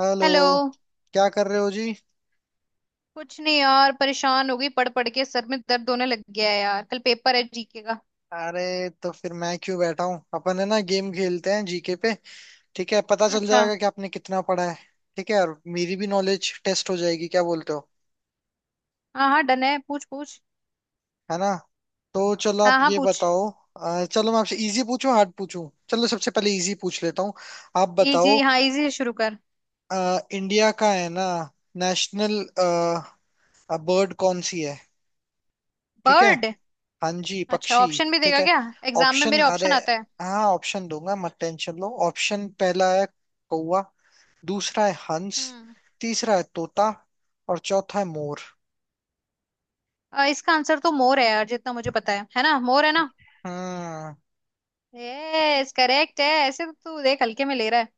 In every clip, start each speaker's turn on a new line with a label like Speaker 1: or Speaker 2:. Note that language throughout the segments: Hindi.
Speaker 1: हेलो।
Speaker 2: हेलो।
Speaker 1: क्या कर रहे हो जी।
Speaker 2: कुछ नहीं यार, परेशान हो गई पढ़ पढ़ के, सर में दर्द होने लग गया है यार। कल पेपर है जीके का।
Speaker 1: अरे तो फिर मैं क्यों बैठा हूँ, अपन है ना, गेम खेलते हैं जीके पे। ठीक है, पता चल
Speaker 2: अच्छा।
Speaker 1: जाएगा कि आपने कितना पढ़ा है। ठीक है, और मेरी भी नॉलेज टेस्ट हो जाएगी, क्या बोलते हो।
Speaker 2: हाँ हाँ डन है, पूछ पूछ।
Speaker 1: है ना। तो चलो आप
Speaker 2: हाँ हाँ
Speaker 1: ये
Speaker 2: पूछ।
Speaker 1: बताओ। चलो मैं आपसे इजी पूछूं हार्ड पूछूं, चलो सबसे पहले इजी पूछ लेता हूँ। आप बताओ।
Speaker 2: इजी, हाँ इजी से शुरू कर।
Speaker 1: इंडिया का है ना नेशनल बर्ड कौन सी है। ठीक है।
Speaker 2: बर्ड।
Speaker 1: हाँ जी,
Speaker 2: अच्छा
Speaker 1: पक्षी।
Speaker 2: ऑप्शन भी
Speaker 1: ठीक
Speaker 2: देगा
Speaker 1: है।
Speaker 2: क्या? एग्जाम में
Speaker 1: ऑप्शन,
Speaker 2: मेरे
Speaker 1: अरे।
Speaker 2: ऑप्शन आता है।
Speaker 1: हाँ ऑप्शन दूंगा, मत टेंशन लो, ऑप्शन पहला है कौवा, दूसरा है हंस,
Speaker 2: हम्म।
Speaker 1: तीसरा है तोता, और चौथा है मोर।
Speaker 2: इसका आंसर तो मोर है यार, जितना मुझे पता है ना? मोर है ना?
Speaker 1: हम्म।
Speaker 2: यस करेक्ट है ऐसे तो। तू देख हल्के में ले रहा है।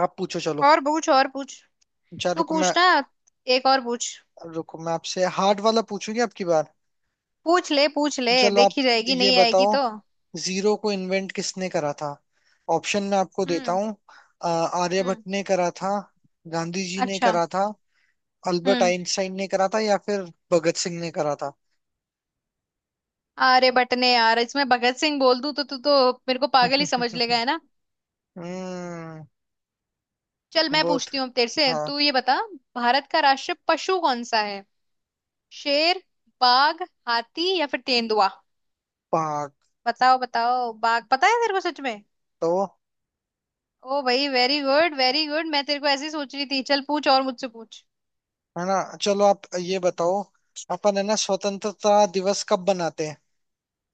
Speaker 1: आप पूछो, चलो।
Speaker 2: और पूछ और पूछ।
Speaker 1: अच्छा
Speaker 2: तू पूछ ना। एक और पूछ।
Speaker 1: रुको मैं आपसे हार्ड वाला पूछूंगी आपकी बार।
Speaker 2: पूछ ले पूछ ले।
Speaker 1: चलो आप
Speaker 2: देखी जाएगी,
Speaker 1: ये
Speaker 2: नहीं आएगी
Speaker 1: बताओ।
Speaker 2: तो।
Speaker 1: जीरो को इन्वेंट किसने करा था। ऑप्शन मैं आपको देता
Speaker 2: हम्म।
Speaker 1: हूँ। आर्यभट्ट
Speaker 2: हम्म।
Speaker 1: ने करा था, गांधी जी ने
Speaker 2: अच्छा।
Speaker 1: करा था, अल्बर्ट
Speaker 2: हम्म।
Speaker 1: आइंस्टाइन ने करा था, या फिर भगत सिंह ने करा था।
Speaker 2: अरे बटने यार, इसमें भगत सिंह बोल दूं तो तू तो मेरे को पागल ही समझ लेगा, है ना?
Speaker 1: हम्म।
Speaker 2: चल मैं
Speaker 1: वो
Speaker 2: पूछती
Speaker 1: तो-
Speaker 2: हूँ अब तेरे से।
Speaker 1: हाँ।
Speaker 2: तू ये बता, भारत का राष्ट्रीय पशु कौन सा है? शेर, बाघ, हाथी या फिर तेंदुआ।
Speaker 1: पाक
Speaker 2: बताओ बताओ। बाघ? पता है तेरे को सच में?
Speaker 1: तो
Speaker 2: ओ भाई, वेरी गुड वेरी गुड। मैं तेरे को ऐसे ही सोच रही थी। चल पूछ और मुझसे पूछ।
Speaker 1: है ना। चलो आप ये बताओ, अपन है ना स्वतंत्रता दिवस कब बनाते हैं।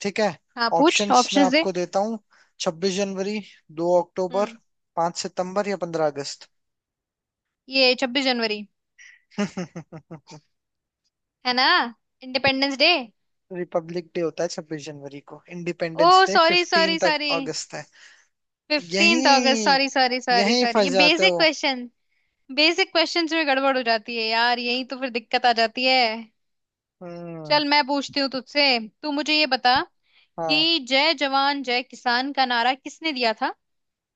Speaker 1: ठीक है।
Speaker 2: हाँ पूछ,
Speaker 1: ऑप्शंस मैं
Speaker 2: ऑप्शंस दे।
Speaker 1: आपको देता हूँ, 26 जनवरी, 2 अक्टूबर,
Speaker 2: हम्म।
Speaker 1: 5 सितंबर, या 15 अगस्त।
Speaker 2: ये 26 जनवरी, है ना? Independence day.
Speaker 1: रिपब्लिक डे होता है 26 जनवरी को, independence
Speaker 2: oh,
Speaker 1: day
Speaker 2: sorry
Speaker 1: 15
Speaker 2: sorry
Speaker 1: तक
Speaker 2: सॉरी।
Speaker 1: अगस्त है।
Speaker 2: 15 अगस्त,
Speaker 1: यही
Speaker 2: सॉरी सॉरी सॉरी
Speaker 1: यही
Speaker 2: सॉरी।
Speaker 1: फंस
Speaker 2: ये
Speaker 1: जाते
Speaker 2: बेसिक
Speaker 1: हो।
Speaker 2: क्वेश्चन। बेसिक क्वेश्चंस में गड़बड़ हो जाती है यार, यही तो फिर दिक्कत आ जाती है।
Speaker 1: हम्म।
Speaker 2: चल मैं पूछती हूँ तुझसे। तू मुझे ये बता
Speaker 1: हाँ।
Speaker 2: कि जय जवान जय किसान का नारा किसने दिया था?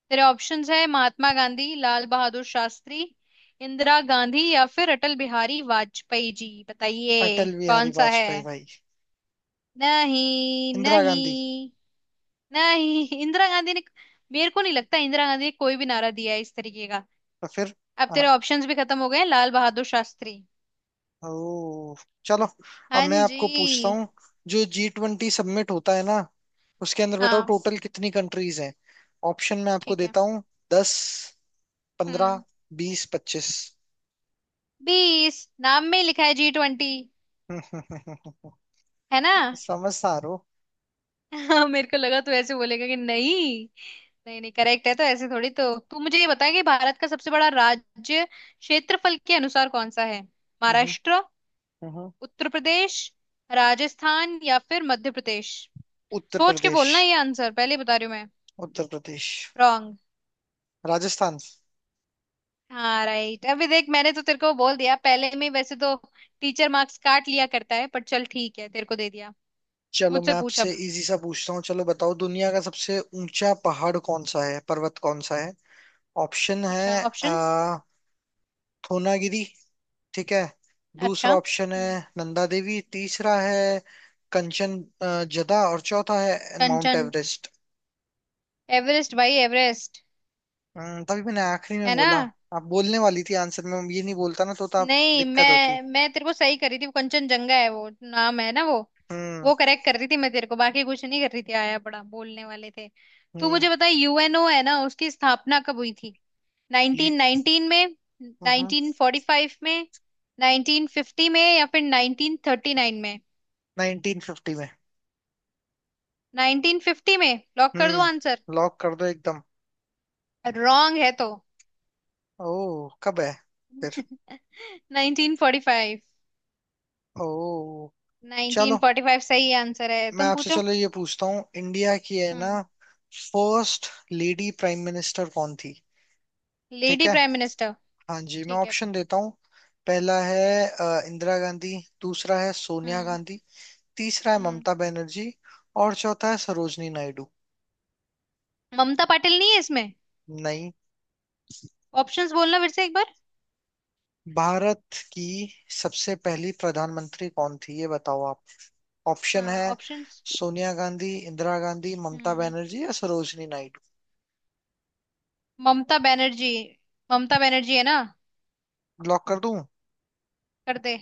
Speaker 2: तेरे ऑप्शंस है महात्मा गांधी, लाल बहादुर शास्त्री, इंदिरा गांधी या फिर अटल बिहारी वाजपेयी जी। बताइए
Speaker 1: अटल बिहारी
Speaker 2: कौन सा है?
Speaker 1: वाजपेयी भाई।
Speaker 2: नहीं
Speaker 1: इंदिरा गांधी।
Speaker 2: नहीं। नहीं, इंदिरा गांधी ने। मेरे को नहीं लगता इंदिरा गांधी ने कोई भी नारा दिया है इस तरीके का।
Speaker 1: तो फिर।
Speaker 2: अब
Speaker 1: हाँ।
Speaker 2: तेरे ऑप्शंस भी खत्म हो गए हैं, लाल बहादुर शास्त्री।
Speaker 1: ओ। चलो। अब
Speaker 2: हाँ
Speaker 1: मैं
Speaker 2: जी।
Speaker 1: आपको पूछता हूँ, जो G20 सबमिट होता है ना उसके अंदर बताओ
Speaker 2: हाँ
Speaker 1: टोटल कितनी कंट्रीज हैं। ऑप्शन मैं आपको
Speaker 2: ठीक है।
Speaker 1: देता हूँ। 10, 15,
Speaker 2: हम्म।
Speaker 1: 20, 25।
Speaker 2: 20 नाम में ही लिखा है, G20। है ना?
Speaker 1: समझदार हो।
Speaker 2: हाँ, मेरे को लगा तू ऐसे बोलेगा कि नहीं। नहीं नहीं, करेक्ट है तो ऐसे थोड़ी तो। तू मुझे ये बता कि भारत का सबसे बड़ा राज्य क्षेत्रफल के अनुसार कौन सा है?
Speaker 1: हम्म,
Speaker 2: महाराष्ट्र,
Speaker 1: हम्म।
Speaker 2: उत्तर प्रदेश, राजस्थान या फिर मध्य प्रदेश?
Speaker 1: उत्तर
Speaker 2: सोच के
Speaker 1: प्रदेश।
Speaker 2: बोलना, ये आंसर पहले ही बता रही हूँ मैं।
Speaker 1: उत्तर प्रदेश।
Speaker 2: रॉन्ग।
Speaker 1: राजस्थान।
Speaker 2: हाँ राइट। अभी देख, मैंने तो तेरे को बोल दिया पहले में, वैसे तो टीचर मार्क्स काट लिया करता है, पर चल ठीक है, तेरे को दे दिया।
Speaker 1: चलो
Speaker 2: मुझसे
Speaker 1: मैं
Speaker 2: पूछ
Speaker 1: आपसे
Speaker 2: अब।
Speaker 1: इजी सा पूछता हूँ, चलो बताओ दुनिया का सबसे ऊंचा पहाड़ कौन सा है, पर्वत कौन सा है। ऑप्शन
Speaker 2: अच्छा
Speaker 1: है
Speaker 2: ऑप्शंस।
Speaker 1: आ, थोनागिरी। ठीक है।
Speaker 2: अच्छा।
Speaker 1: दूसरा ऑप्शन है
Speaker 2: हम्म।
Speaker 1: नंदा देवी, तीसरा है कंचन जदा, और चौथा है माउंट
Speaker 2: कंचन।
Speaker 1: एवरेस्ट।
Speaker 2: एवरेस्ट भाई, एवरेस्ट।
Speaker 1: तभी मैंने आखिरी में
Speaker 2: है ना?
Speaker 1: बोला। आप बोलने वाली थी आंसर में, ये नहीं बोलता ना तो आप
Speaker 2: नहीं,
Speaker 1: दिक्कत होती।
Speaker 2: मैं तेरे को सही कर रही थी, वो कंचनजंगा है वो नाम, है ना वो?
Speaker 1: हम्म
Speaker 2: वो करेक्ट कर रही थी मैं तेरे को, बाकी कुछ नहीं कर रही थी। आया बड़ा बोलने वाले थे। तू
Speaker 1: हम्म।
Speaker 2: मुझे बता, यूएनओ है ना, उसकी स्थापना कब हुई थी?
Speaker 1: ये-
Speaker 2: 1919 में,
Speaker 1: हम्म।
Speaker 2: 1945 में, 1950 में या फिर 1939 में?
Speaker 1: 1950 में।
Speaker 2: 1950 में। लॉक कर दूं आंसर?
Speaker 1: हम्म, लॉक कर दो एकदम।
Speaker 2: रॉन्ग है तो?
Speaker 1: ओ, कब है फिर।
Speaker 2: 1945।
Speaker 1: ओ। चलो
Speaker 2: 1945 सही आंसर है।
Speaker 1: मैं
Speaker 2: तुम
Speaker 1: आपसे
Speaker 2: पूछो।
Speaker 1: चलो ये पूछता हूँ, इंडिया की है ना
Speaker 2: हम्म।
Speaker 1: फर्स्ट लेडी प्राइम मिनिस्टर कौन थी। ठीक
Speaker 2: लेडी
Speaker 1: है।
Speaker 2: Prime minister.
Speaker 1: हाँ जी, मैं
Speaker 2: ठीक है।
Speaker 1: ऑप्शन देता हूँ। पहला है इंदिरा गांधी, दूसरा है सोनिया
Speaker 2: हम्म।
Speaker 1: गांधी, तीसरा है
Speaker 2: हम्म।
Speaker 1: ममता बनर्जी, और चौथा है सरोजनी नायडू।
Speaker 2: ममता पाटिल नहीं है इसमें?
Speaker 1: नहीं।
Speaker 2: ऑप्शंस बोलना फिर से एक बार।
Speaker 1: भारत की सबसे पहली प्रधानमंत्री कौन थी ये बताओ आप। ऑप्शन
Speaker 2: हाँ
Speaker 1: है
Speaker 2: ऑप्शंस।
Speaker 1: सोनिया गांधी, इंदिरा गांधी, ममता
Speaker 2: हम्म।
Speaker 1: बनर्जी, या सरोजनी नायडू।
Speaker 2: ममता बनर्जी। ममता बनर्जी है ना?
Speaker 1: लॉक कर दूं।
Speaker 2: कर दे।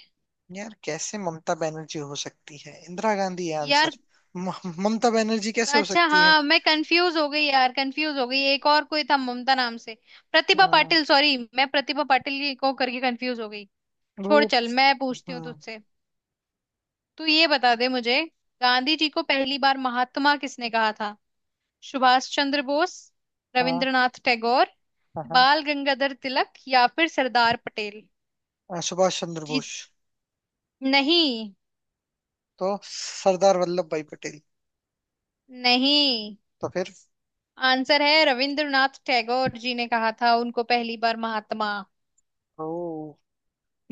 Speaker 1: यार कैसे ममता बनर्जी हो सकती है, इंदिरा गांधी है
Speaker 2: यार,
Speaker 1: आंसर। ममता बनर्जी कैसे हो
Speaker 2: अच्छा
Speaker 1: सकती है।
Speaker 2: हाँ मैं कंफ्यूज हो गई यार, कंफ्यूज हो गई, एक और कोई था ममता नाम से। प्रतिभा
Speaker 1: हम्म,
Speaker 2: पाटिल, सॉरी, मैं प्रतिभा पाटिल को करके कंफ्यूज हो गई।
Speaker 1: वो।
Speaker 2: छोड़, चल मैं पूछती हूँ
Speaker 1: हम्म,
Speaker 2: तुझसे। तू ये बता दे मुझे, गांधी जी को पहली बार महात्मा किसने कहा था? सुभाष चंद्र बोस,
Speaker 1: हाँ
Speaker 2: रविंद्रनाथ टैगोर,
Speaker 1: हाँ हाँ।
Speaker 2: बाल गंगाधर तिलक या फिर सरदार पटेल।
Speaker 1: सुभाष चंद्र
Speaker 2: जी
Speaker 1: बोस।
Speaker 2: नहीं।
Speaker 1: तो सरदार वल्लभ भाई पटेल।
Speaker 2: नहीं।
Speaker 1: तो फिर।
Speaker 2: आंसर है रविंद्रनाथ टैगोर जी ने कहा था उनको पहली बार महात्मा।
Speaker 1: ओ।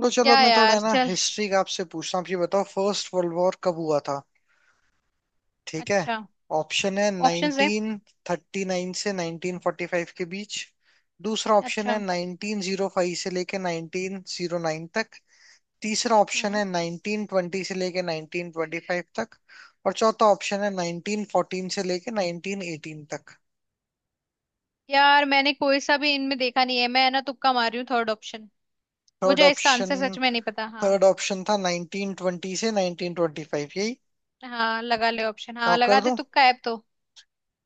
Speaker 1: लो, चलो
Speaker 2: क्या
Speaker 1: मैं थोड़ा
Speaker 2: यार,
Speaker 1: है ना
Speaker 2: चल।
Speaker 1: हिस्ट्री का आपसे पूछता हूँ, आप ये बताओ फर्स्ट वर्ल्ड वॉर कब हुआ था। ठीक है।
Speaker 2: अच्छा,
Speaker 1: ऑप्शन है
Speaker 2: ऑप्शंस है।
Speaker 1: 1939 से 1945 के बीच, दूसरा ऑप्शन है
Speaker 2: अच्छा।
Speaker 1: 1905 से लेके 1909 तक, तीसरा ऑप्शन
Speaker 2: हम्म।
Speaker 1: है 1920 से लेके 1925 तक, और चौथा ऑप्शन है 1914 से लेके 1918 तक।
Speaker 2: यार, मैंने कोई सा भी इनमें देखा नहीं है, मैं ना तुक्का मार रही हूँ, थर्ड ऑप्शन।
Speaker 1: थर्ड
Speaker 2: मुझे इसका
Speaker 1: ऑप्शन
Speaker 2: आंसर सच में नहीं पता, हाँ।
Speaker 1: थर्ड ऑप्शन था 1920 से 1925 यही।
Speaker 2: हाँ लगा ले ऑप्शन, हाँ
Speaker 1: और कर
Speaker 2: लगा दे,
Speaker 1: दूं
Speaker 2: तुक्का है अब तो।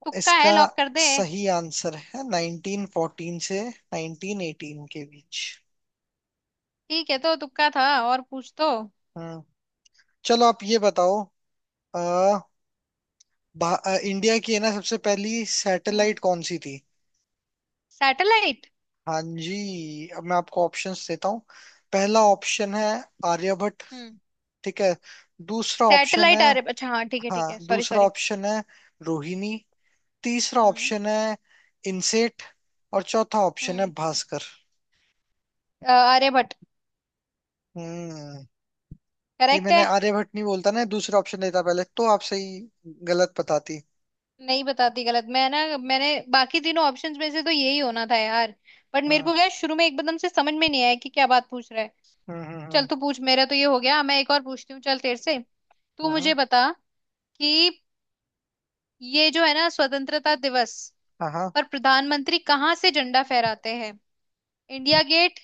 Speaker 2: तुक्का है,
Speaker 1: इसका।
Speaker 2: लॉक कर दे।
Speaker 1: सही आंसर है 1914 से 1918 के बीच।
Speaker 2: ठीक है, तो तुक्का था, और पूछ तो।
Speaker 1: हम्म। चलो आप ये बताओ अ, इंडिया की है ना सबसे पहली
Speaker 2: हम्म।
Speaker 1: सैटेलाइट कौन सी थी।
Speaker 2: सैटेलाइट।
Speaker 1: हाँ जी, अब मैं आपको ऑप्शंस देता हूँ। पहला ऑप्शन है आर्यभट्ट।
Speaker 2: हम्म।
Speaker 1: ठीक है। दूसरा ऑप्शन है।
Speaker 2: सैटेलाइट आर्य, अच्छा हाँ ठीक है ठीक
Speaker 1: हाँ
Speaker 2: है, सॉरी
Speaker 1: दूसरा
Speaker 2: सॉरी।
Speaker 1: ऑप्शन है रोहिणी, तीसरा
Speaker 2: हम्म।
Speaker 1: ऑप्शन है इनसेट, और चौथा ऑप्शन है
Speaker 2: हम्म।
Speaker 1: भास्कर।
Speaker 2: आर्यभट्ट।
Speaker 1: हम्म। ये
Speaker 2: करेक्ट
Speaker 1: मैंने
Speaker 2: है।
Speaker 1: आर्यभट्ट नहीं बोलता ना, दूसरा ऑप्शन लेता पहले तो आप सही गलत बताती।
Speaker 2: नहीं बताती गलत मैं ना। मैंने बाकी तीनों ऑप्शंस में से तो यही होना था यार। बट मेरे
Speaker 1: हाँ।
Speaker 2: को क्या, शुरू में एकदम से समझ में नहीं आया कि क्या बात पूछ रहा है। चल
Speaker 1: हम्म।
Speaker 2: तू पूछ, मेरा तो ये हो गया, मैं एक और पूछती हूँ चल तेरे से। तू
Speaker 1: हम्म।
Speaker 2: मुझे बता कि ये जो है ना स्वतंत्रता दिवस
Speaker 1: हाँ हाँ।
Speaker 2: पर प्रधानमंत्री कहाँ से झंडा फहराते हैं? इंडिया गेट,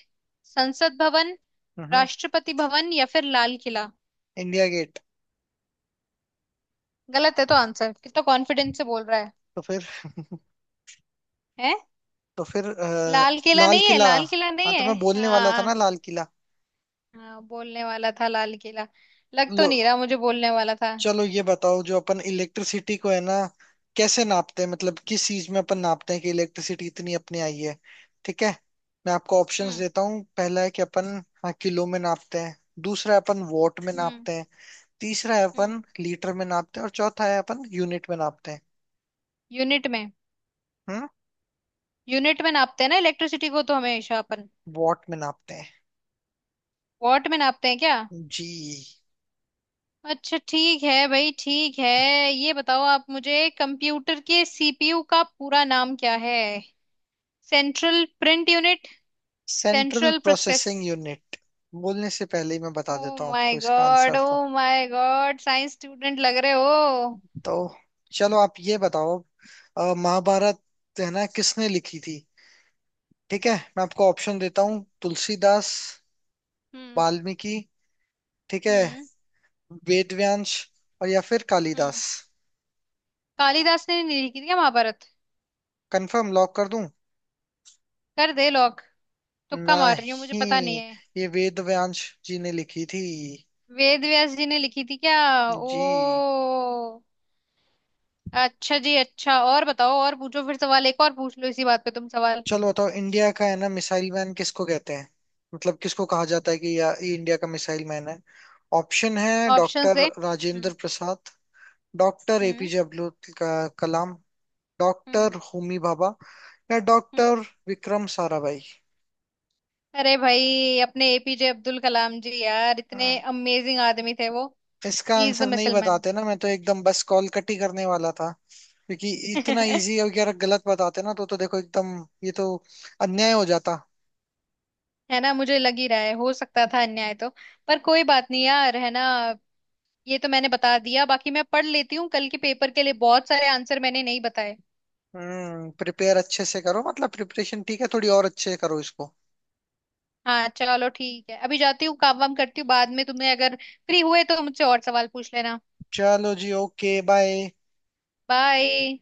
Speaker 2: संसद भवन,
Speaker 1: हम्म। हम्म।
Speaker 2: राष्ट्रपति भवन या फिर लाल किला?
Speaker 1: India gate.
Speaker 2: गलत है तो आंसर, कितना कॉन्फिडेंस से बोल रहा है।
Speaker 1: तो फिर।
Speaker 2: हैं?
Speaker 1: तो फिर
Speaker 2: लाल किला
Speaker 1: लाल
Speaker 2: नहीं है,
Speaker 1: किला।
Speaker 2: लाल किला
Speaker 1: हाँ
Speaker 2: नहीं
Speaker 1: तो
Speaker 2: है।
Speaker 1: मैं बोलने वाला था
Speaker 2: हाँ।
Speaker 1: ना लाल किला।
Speaker 2: हाँ, बोलने वाला था लाल किला। लग तो
Speaker 1: लो,
Speaker 2: नहीं रहा मुझे बोलने वाला था।
Speaker 1: चलो ये बताओ जो अपन इलेक्ट्रिसिटी को है ना कैसे नापते हैं, मतलब किस चीज में अपन नापते हैं कि इलेक्ट्रिसिटी इतनी अपनी आई है। ठीक है। मैं आपको ऑप्शंस
Speaker 2: हम्म।
Speaker 1: देता हूँ, पहला है कि अपन, हाँ, किलो में नापते हैं, दूसरा है अपन वॉट में
Speaker 2: हम्म।
Speaker 1: नापते हैं, तीसरा है
Speaker 2: हम्म।
Speaker 1: अपन लीटर में नापते हैं, और चौथा है अपन यूनिट में नापते हैं।
Speaker 2: यूनिट में।
Speaker 1: हम्म।
Speaker 2: यूनिट में नापते हैं ना इलेक्ट्रिसिटी को तो, हमेशा अपन।
Speaker 1: वॉट में नापते हैं।
Speaker 2: वॉट में नापते हैं क्या?
Speaker 1: जी।
Speaker 2: अच्छा ठीक है भाई, ठीक है। ये बताओ आप मुझे, कंप्यूटर के सीपीयू का पूरा नाम क्या है? Central print unit.
Speaker 1: Central
Speaker 2: central process.
Speaker 1: Processing unit. बोलने से पहले ही मैं बता
Speaker 2: ओ
Speaker 1: देता हूँ
Speaker 2: माय
Speaker 1: आपको इसका
Speaker 2: गॉड।
Speaker 1: आंसर
Speaker 2: ओ
Speaker 1: तो।
Speaker 2: माय गॉड, साइंस स्टूडेंट लग रहे हो।
Speaker 1: तो चलो आप ये बताओ महाभारत है ना किसने लिखी थी। ठीक है। मैं आपको ऑप्शन देता हूँ, तुलसीदास,
Speaker 2: हम्म।
Speaker 1: वाल्मीकि, ठीक है,
Speaker 2: हम्म।
Speaker 1: वेदव्यास, और या फिर
Speaker 2: हम्म।
Speaker 1: कालिदास।
Speaker 2: कालिदास ने नहीं लिखी थी क्या महाभारत?
Speaker 1: कंफर्म लॉक कर दूं।
Speaker 2: कर दे लॉक। तुक्का मार रही हूँ, मुझे पता नहीं
Speaker 1: नहीं।
Speaker 2: है।
Speaker 1: ये वेदव्यास जी ने लिखी थी।
Speaker 2: वेद व्यास जी ने लिखी थी क्या? ओ,
Speaker 1: जी।
Speaker 2: अच्छा जी, अच्छा। और बताओ, और पूछो फिर सवाल, एक और पूछ लो इसी बात पे, तुम सवाल।
Speaker 1: चलो बताओ इंडिया का है ना मिसाइल मैन किसको कहते हैं, मतलब किसको कहा जाता है कि या ये इंडिया का मिसाइल मैन है। ऑप्शन है
Speaker 2: ऑप्शन
Speaker 1: डॉक्टर
Speaker 2: दे। हम्म।
Speaker 1: राजेंद्र प्रसाद, डॉक्टर
Speaker 2: हम्म।
Speaker 1: एपीजे अब्दुल कलाम,
Speaker 2: हम्म।
Speaker 1: डॉक्टर होमी भाभा, या
Speaker 2: हम्म।
Speaker 1: डॉक्टर विक्रम साराभाई।
Speaker 2: अरे भाई, अपने एपीजे अब्दुल कलाम जी, यार इतने
Speaker 1: हाँ।
Speaker 2: अमेजिंग आदमी थे वो।
Speaker 1: इसका
Speaker 2: ही इज द
Speaker 1: आंसर नहीं
Speaker 2: मिसल मैन।
Speaker 1: बताते ना, मैं तो एकदम बस कॉल कट ही करने वाला था। क्योंकि इतना इजी अगर गलत बताते ना, तो देखो एकदम ये तो अन्याय हो जाता।
Speaker 2: है ना? मुझे लग ही रहा है, हो सकता था अन्याय तो। पर कोई बात नहीं यार, है ना? ये तो मैंने बता दिया, बाकी मैं पढ़ लेती हूँ कल के पेपर के लिए, बहुत सारे आंसर मैंने नहीं बताए।
Speaker 1: हम्म, प्रिपेयर अच्छे से करो, मतलब प्रिपरेशन ठीक है, थोड़ी और अच्छे से करो इसको।
Speaker 2: हाँ चलो ठीक है, अभी जाती हूँ काम वाम करती हूँ, बाद में तुम्हें अगर फ्री हुए तो मुझसे और सवाल पूछ लेना।
Speaker 1: चलो जी, ओके बाय।
Speaker 2: बाय।